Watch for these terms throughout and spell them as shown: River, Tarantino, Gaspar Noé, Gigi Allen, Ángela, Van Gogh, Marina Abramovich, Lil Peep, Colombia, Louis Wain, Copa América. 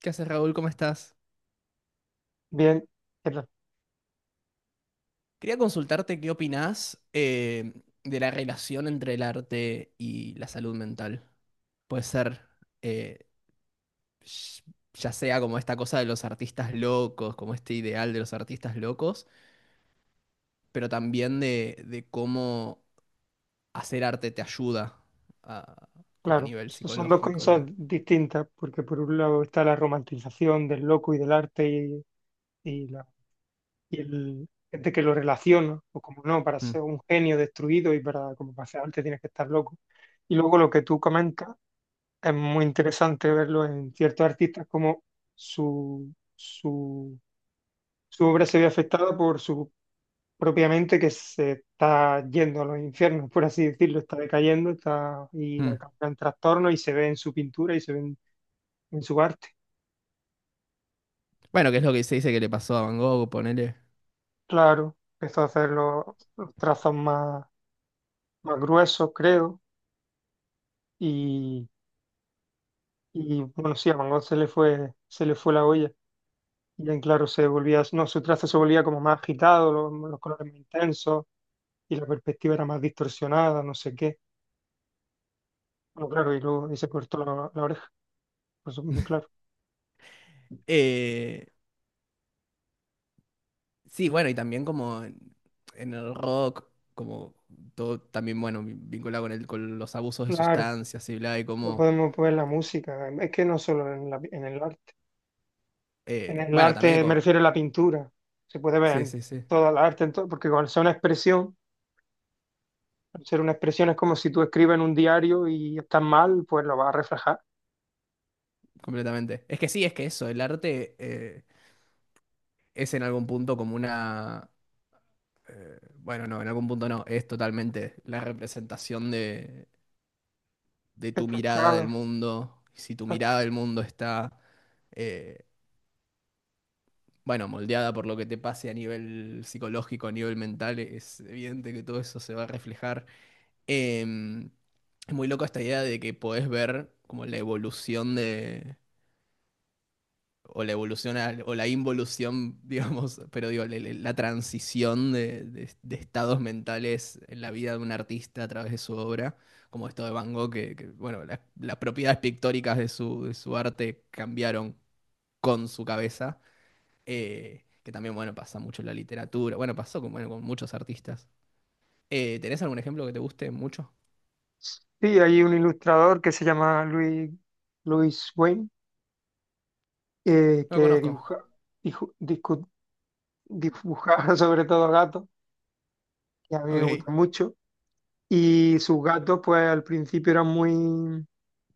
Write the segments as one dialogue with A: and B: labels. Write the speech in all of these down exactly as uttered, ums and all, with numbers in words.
A: ¿Qué haces, Raúl? ¿Cómo estás?
B: Bien, pero,
A: Quería consultarte qué opinás eh, de la relación entre el arte y la salud mental. Puede ser, eh, sh- ya sea como esta cosa de los artistas locos, como este ideal de los artistas locos, pero también de, de cómo hacer arte te ayuda a, como a
B: claro,
A: nivel
B: so- son dos
A: psicológico y
B: cosas
A: bla.
B: distintas, porque por un lado está la romantización del loco y del arte y, y la, y el gente que lo relaciona, o como no, para
A: Mm,
B: ser un genio destruido y para, como para hacer arte tienes que estar loco. Y luego lo que tú comentas es muy interesante verlo en ciertos artistas como su, su, su obra se ve afectada por su propiamente que se está yendo a los infiernos, por así decirlo, está decayendo, está y
A: mm.
B: acaba en trastorno y se ve en su pintura y se ve en, en su arte.
A: Bueno, que es lo que se dice que le pasó a Van Gogh, ponele.
B: Claro, empezó a hacer los, los trazos más, más gruesos, creo, y, y, bueno, sí, a Van Gogh se le fue, se le fue la olla. Y en claro se volvía, no, su trazo se volvía como más agitado, los, los colores más intensos y la perspectiva era más distorsionada, no sé qué. Bueno, claro, y luego y se cortó la, la oreja, pues claro,
A: Eh, Sí, bueno, y también como en, en el rock, como todo también, bueno, vi- vinculado con, el, con los abusos de
B: claro.
A: sustancias y bla, y
B: No
A: como,
B: podemos poner la música, es que no solo en, la- en el arte. En
A: eh,
B: el
A: bueno, también
B: arte me
A: como,
B: refiero a la pintura, se puede ver
A: sí,
B: en
A: sí, sí,
B: toda la arte, en todo- porque cuando sea una expresión, al ser una expresión es como si tú escribes en un diario y estás mal, pues lo vas a reflejar.
A: completamente. Es que sí, es que eso, el arte eh, es en algún punto como una, eh, bueno, no, en algún punto no, es totalmente la representación de, de
B: Está
A: tu mirada del
B: frustrado,
A: mundo. Si tu
B: exacto.
A: mirada del mundo está eh, bueno, moldeada por lo que te pase a nivel psicológico, a nivel mental, es evidente que todo eso se va a reflejar. Em, es muy loco esta idea de que podés ver como la evolución de, o la evolución al- o la involución, digamos, pero digo, le- le- la transición de, de- de estados mentales en la vida de un artista a través de su obra, como esto de Van Gogh, que, que, bueno, las, las propiedades pictóricas de su, de su arte cambiaron con su cabeza eh, que también, bueno, pasa mucho en la literatura. Bueno, pasó con, bueno, con muchos artistas. Eh, ¿tenés algún ejemplo que te guste mucho?
B: Sí, hay un ilustrador que se llama Louis, Louis Wayne, eh,
A: No lo
B: que
A: conozco.
B: dibuja, dijo- discu- dibujaba sobre todo gatos, que a mí me
A: Ok.
B: gustan mucho, y sus gatos pues al principio eran muy...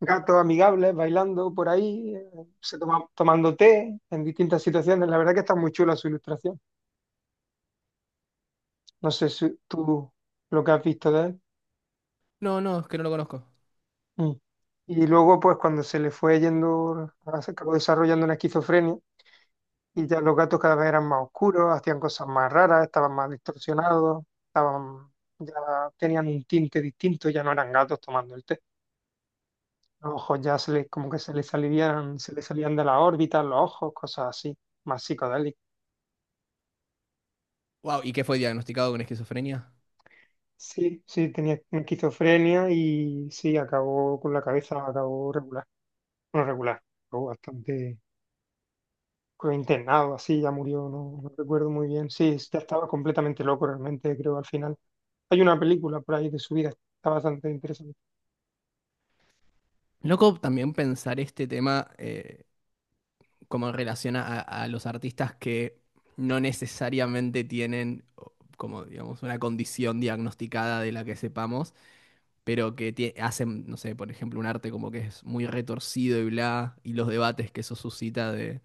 B: gatos amigables bailando por ahí, eh, se toma- tomando té en distintas situaciones. La verdad que está muy chula su ilustración. No sé si tú lo que has visto de él.
A: No, no, es que no lo conozco.
B: Mm. Y luego, pues cuando se le fue yendo, se acabó desarrollando una esquizofrenia y ya los gatos cada vez eran más oscuros, hacían cosas más raras, estaban más distorsionados, estaban, ya tenían un tinte distinto, ya no eran gatos tomando el té. Los ojos ya se les, como que se les salían, se les salían de las órbitas, los ojos, cosas así, más psicodélicas.
A: Wow, ¿y qué fue diagnosticado con esquizofrenia?
B: Sí, sí, tenía esquizofrenia y sí, acabó con la cabeza, acabó regular. Bueno, regular, acabó bastante creo, internado, así ya murió, no, no recuerdo muy bien. Sí, ya estaba completamente loco realmente, creo, al final. Hay una película por ahí de su vida, está bastante interesante.
A: Loco también pensar este tema eh, como en relación a, a los artistas que no necesariamente tienen o, como, digamos, una condición diagnosticada de la que sepamos, pero que tie- hacen, no sé, por ejemplo, un arte como que es muy retorcido y bla, y los debates que eso suscita de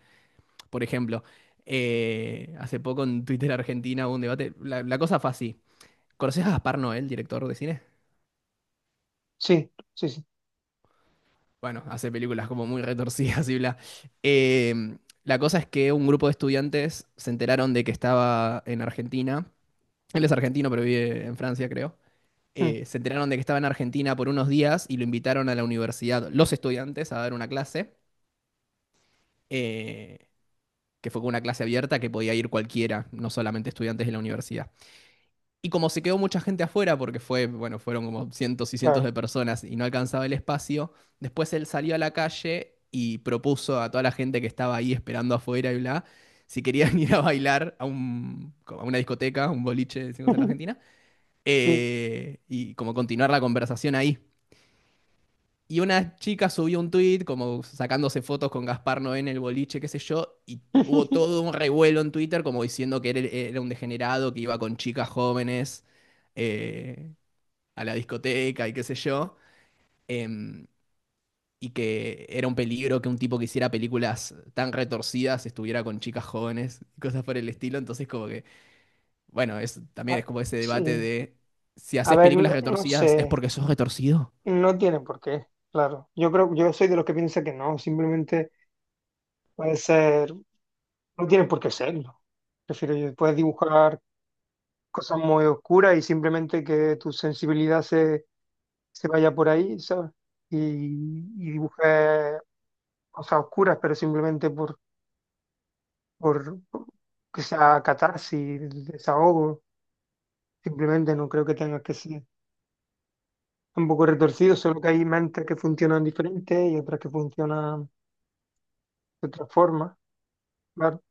A: Por ejemplo, eh, hace poco en Twitter Argentina hubo un debate. La, la cosa fue así. ¿Conoces a Gaspar Noé, director de cine?
B: Sí, sí, sí,
A: Bueno, hace películas como muy retorcidas y bla. Eh, la cosa es que un grupo de estudiantes se enteraron de que estaba en Argentina. Él es argentino, pero vive en Francia, creo.
B: mm,
A: Eh, se enteraron de que estaba en Argentina por unos días y lo invitaron a la universidad, los estudiantes, a dar una clase, eh, que fue con una clase abierta que podía ir cualquiera, no solamente estudiantes de la universidad. Y como se quedó mucha gente afuera, porque fue, bueno, fueron como cientos y cientos de
B: claro.
A: personas y no alcanzaba el espacio, después él salió a la calle y propuso a toda la gente que estaba ahí esperando afuera y bla, si querían ir a bailar a, un, a una discoteca, un boliche, decimos en Argentina,
B: Sí.
A: eh, y como continuar la conversación ahí. Y una chica subió un tweet como sacándose fotos con Gaspar Noé en el boliche, qué sé yo, y hubo todo un revuelo en Twitter como diciendo que él e-, era un degenerado, que iba con chicas jóvenes eh, a la discoteca y qué sé yo, em, y que era un peligro que un tipo que hiciera películas tan retorcidas estuviera con chicas jóvenes, cosas por el estilo. Entonces como que, bueno, es, también es
B: Ah,
A: como ese debate
B: sí.
A: de si
B: A
A: haces
B: ver,
A: películas
B: no, no
A: retorcidas es
B: sé,
A: porque sos retorcido.
B: no tiene por qué, claro. Yo creo, yo soy de los que piensa que no, simplemente puede ser. No tienen por qué serlo. Es decir, puedes dibujar cosas muy oscuras y simplemente que tu sensibilidad se, se vaya por ahí, ¿sabes? Y, y dibujes cosas oscuras, pero simplemente por, por que sea catarsis, desahogo. Simplemente no creo que tengas que ser un poco retorcido, solo que hay mentes que funcionan diferentes y otras que funcionan de otra forma, claro.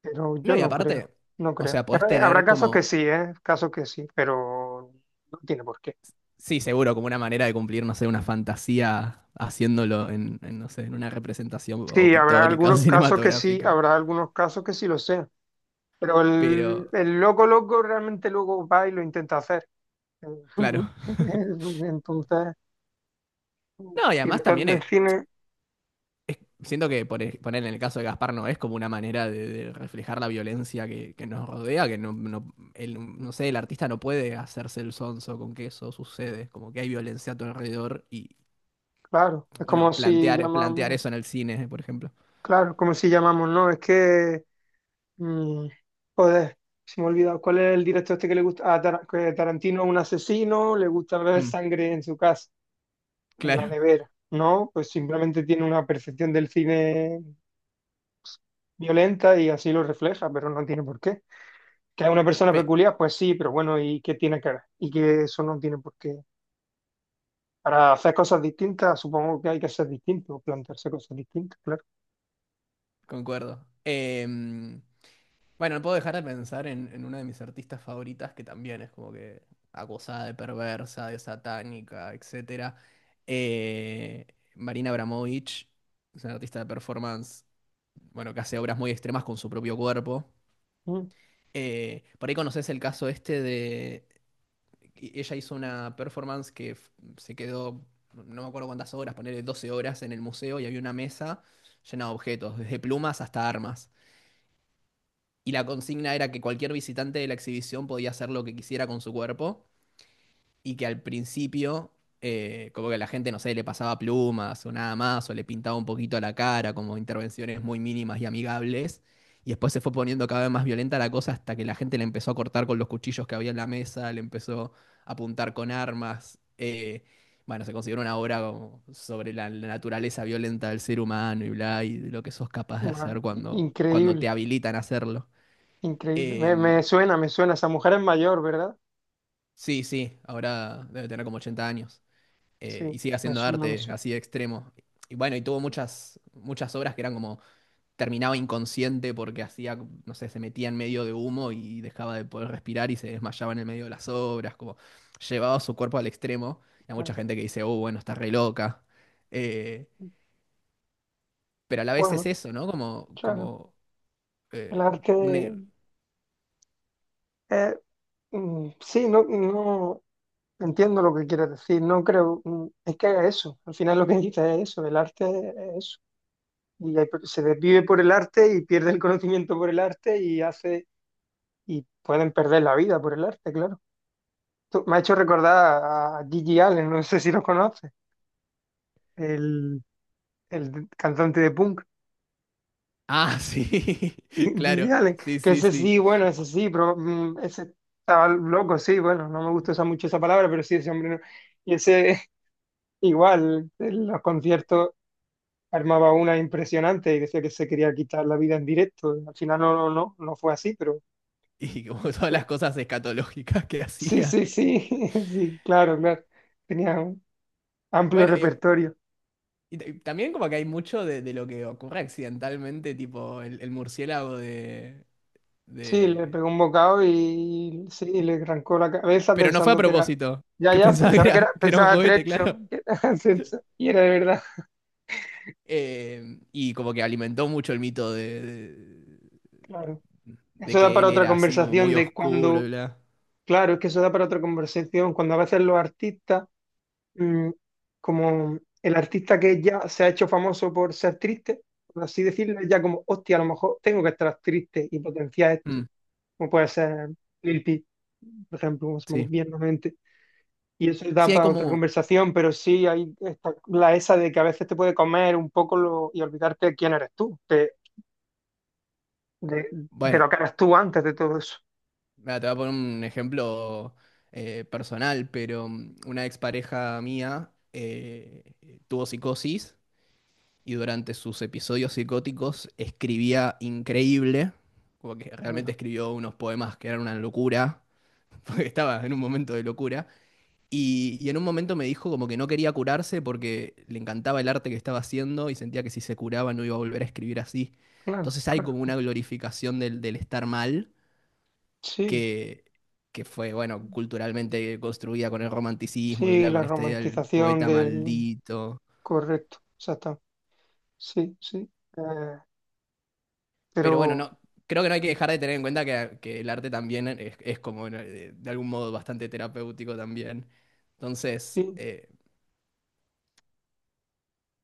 B: Pero
A: No,
B: yo
A: y
B: no creo,
A: aparte,
B: no
A: o
B: creo.
A: sea, podés
B: Habrá habrá
A: tener
B: casos que
A: como,
B: sí, ¿eh? Casos que sí, pero no tiene por qué.
A: sí, seguro, como una manera de cumplir, no sé, una fantasía haciéndolo en, en, no sé, en una representación o
B: Sí, habrá
A: pictórica o
B: algunos casos que sí,
A: cinematográfica.
B: habrá algunos casos que sí lo sean. Pero el,
A: Pero,
B: el loco loco realmente luego va y lo intenta hacer.
A: claro.
B: Entonces,
A: No, y además
B: director
A: también
B: del
A: eh,
B: cine,
A: Siento que por e- poner en el caso de Gaspar no es como una manera de, de reflejar la violencia que, que nos rodea, que no, no, el, no sé, el artista no puede hacerse el sonso con que eso sucede, como que hay violencia a tu alrededor y,
B: claro, es
A: bueno,
B: como si
A: plantear, plantear
B: llamamos,
A: eso en el cine, por ejemplo.
B: claro, como si llamamos, no, es que, mm, joder, se me ha olvidado, ¿cuál es el director este que le gusta? Ah, Tara- que Tarantino es un asesino, le gusta ver
A: Mm,
B: sangre en su casa. En la
A: claro,
B: nevera, ¿no? Pues simplemente tiene una percepción del cine violenta y así lo refleja, pero no tiene por qué. Que es una persona
A: Pe-
B: peculiar, pues sí, pero bueno, ¿y qué tiene que ver? Y que eso no tiene por qué. Para hacer cosas distintas, supongo que hay que ser distinto, plantearse cosas distintas, claro.
A: concuerdo. Em, Bueno, no puedo dejar de pensar en, en una de mis artistas favoritas que también es como que acosada de perversa, de satánica, etcétera. Eh, Marina Abramovich, es una artista de performance, bueno, que hace obras muy extremas con su propio cuerpo.
B: Mm,
A: Eh, por ahí conoces el caso este de y- Ella hizo una performance que f- se quedó, no me acuerdo cuántas horas, ponerle doce horas en el museo y había una mesa llena de objetos, desde plumas hasta armas. Y la consigna era que cualquier visitante de la exhibición podía hacer lo que quisiera con su cuerpo y que al principio, eh, como que la gente, no sé, le pasaba plumas o nada más, o le pintaba un poquito la cara, como intervenciones muy mínimas y amigables. Y después se fue poniendo cada vez más violenta la cosa hasta que la gente le empezó a cortar con los cuchillos que había en la mesa, le empezó a apuntar con armas. Eh, bueno, se consideró una obra como sobre la, la naturaleza violenta del ser humano y bla, y de lo que sos capaz de
B: guau,
A: hacer cuando, cuando
B: increíble,
A: te habilitan a hacerlo.
B: increíble. Me, me
A: Em,
B: suena, me suena. Esa mujer es mayor, ¿verdad?
A: sí, sí, ahora debe tener como ochenta años
B: Sí,
A: eh, y sigue
B: me
A: haciendo
B: suena, me
A: arte
B: suena.
A: así de extremo. Y bueno, y tuvo muchas, muchas obras que eran como terminaba inconsciente porque hacía, no sé, se metía en medio de humo y dejaba de poder respirar y se desmayaba en el medio de las obras, como llevaba su cuerpo al extremo. Y hay mucha
B: Vale.
A: gente que dice, oh, bueno, está re loca. Eh, pero a la vez es
B: Bueno,
A: eso, ¿no? Como,
B: claro.
A: como
B: El
A: eh, un... e-
B: arte, eh, mm, sí, no, no. Entiendo lo que quieres decir, no creo, mm, es que haga eso, al final lo que dice es eso, el arte es eso, y hay- se desvive por el arte y pierde el conocimiento por el arte y hace, y pueden perder la vida por el arte, claro. Tú- me ha hecho recordar a Gigi Allen, no sé si lo conoces, el, el cantante de punk,
A: Ah, sí,
B: Gigi
A: claro,
B: Allen,
A: sí,
B: que
A: sí,
B: ese
A: sí.
B: sí, bueno, ese sí, pero mm, ese estaba loco, sí, bueno, no me gusta usar mucho esa palabra, pero sí, ese hombre, no- y ese igual, en los conciertos. Armaba una impresionante y decía que se quería quitar la vida en directo. Al final no, no, no, no fue así, pero
A: Y como todas
B: pero-
A: las cosas escatológicas que
B: sí,
A: hacía.
B: sí, sí, sí, claro, claro. Tenía un amplio
A: Bueno, y,
B: repertorio.
A: y también como que hay mucho de, de lo que ocurre accidentalmente, tipo el, el murciélago de,
B: Sí, le
A: de-
B: pegó un bocado y sí, le arrancó la cabeza
A: Pero no fue a
B: pensando que era,
A: propósito,
B: ya,
A: que
B: ya,
A: pensaba que
B: pensaba que era,
A: era, que era un
B: pensaba
A: juguete,
B: trecho,
A: claro.
B: que era trecho, y era de verdad,
A: Eh, y como que alimentó mucho el mito de, de,
B: claro.
A: de
B: Eso da
A: que
B: para
A: él
B: otra
A: era así como
B: conversación
A: muy
B: de
A: oscuro y
B: cuando,
A: bla.
B: claro, es que eso da para otra conversación, cuando a veces los artistas mm, como el artista que ya se ha hecho famoso por ser triste, por así decirlo, es ya como, hostia, a lo mejor tengo que estar triste y potenciar esto,
A: Mm,
B: como puede ser Lil Peep, por ejemplo, como se me
A: sí.
B: viene a la mente. Y eso da
A: Sí, hay
B: para otra
A: como...
B: conversación, pero sí hay esta- la esa de que a veces te puede comer un poco lo- y olvidarte de quién eres tú, de, de, de
A: Bueno,
B: lo que eras tú antes de todo eso.
A: mira, te voy a poner un ejemplo eh, personal, pero mm, una expareja mía eh, tuvo psicosis y durante sus episodios psicóticos escribía increíble, como que realmente
B: Anda,
A: escribió unos poemas que eran una locura, porque estaba en un momento de locura, y, y en un momento me dijo como que no quería curarse porque le encantaba el arte que estaba haciendo y sentía que si se curaba no iba a volver a escribir así.
B: claro,
A: Entonces hay
B: claro.
A: como una glorificación del del estar mal
B: Sí,
A: que, que fue, bueno, culturalmente construida con el romanticismo y
B: sí,
A: bla,
B: la
A: con esta idea del
B: romantización
A: poeta
B: del
A: maldito.
B: correcto, exacto. Sí, sí. Eh,
A: Pero bueno,
B: pero
A: no, creo que no hay que dejar de tener en cuenta que, que el arte también es, es como ¿no? eh, de, algún modo bastante terapéutico también. Entonces,
B: sí,
A: eh,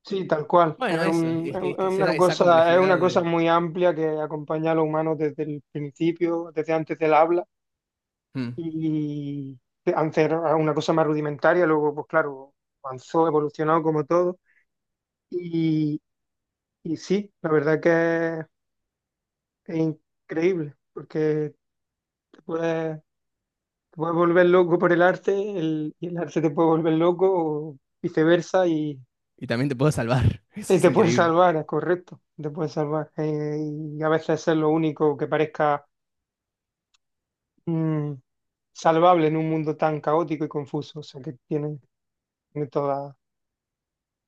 B: sí, tal cual.
A: bueno,
B: Es
A: eso,
B: un-
A: es
B: es
A: que,
B: un-
A: es
B: es
A: que es
B: una
A: esa, esa
B: cosa, es
A: complejidad
B: una cosa
A: de...
B: muy amplia que acompaña a los humanos desde el principio, desde antes del habla.
A: Mm.
B: Y antes era una cosa más rudimentaria, luego, pues claro, avanzó, evolucionó como todo. Y, y sí, la verdad que es, es increíble, porque te puedes, te puedes volver loco por el arte, el- y el arte te puede volver loco, o viceversa,
A: Y también te puedo salvar, eso
B: y
A: es
B: te puede
A: increíble.
B: salvar, es correcto, te puede salvar. Eh, y a veces es lo único que parezca mm, salvable en un mundo tan caótico y confuso. O sea que tiene, tiene toda.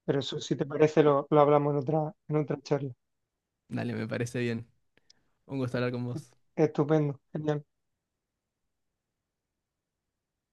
B: Pero eso, si te parece, lo, lo hablamos en otra, en otra charla.
A: Dale, me parece bien. Un gusto hablar con vos.
B: Estupendo, genial.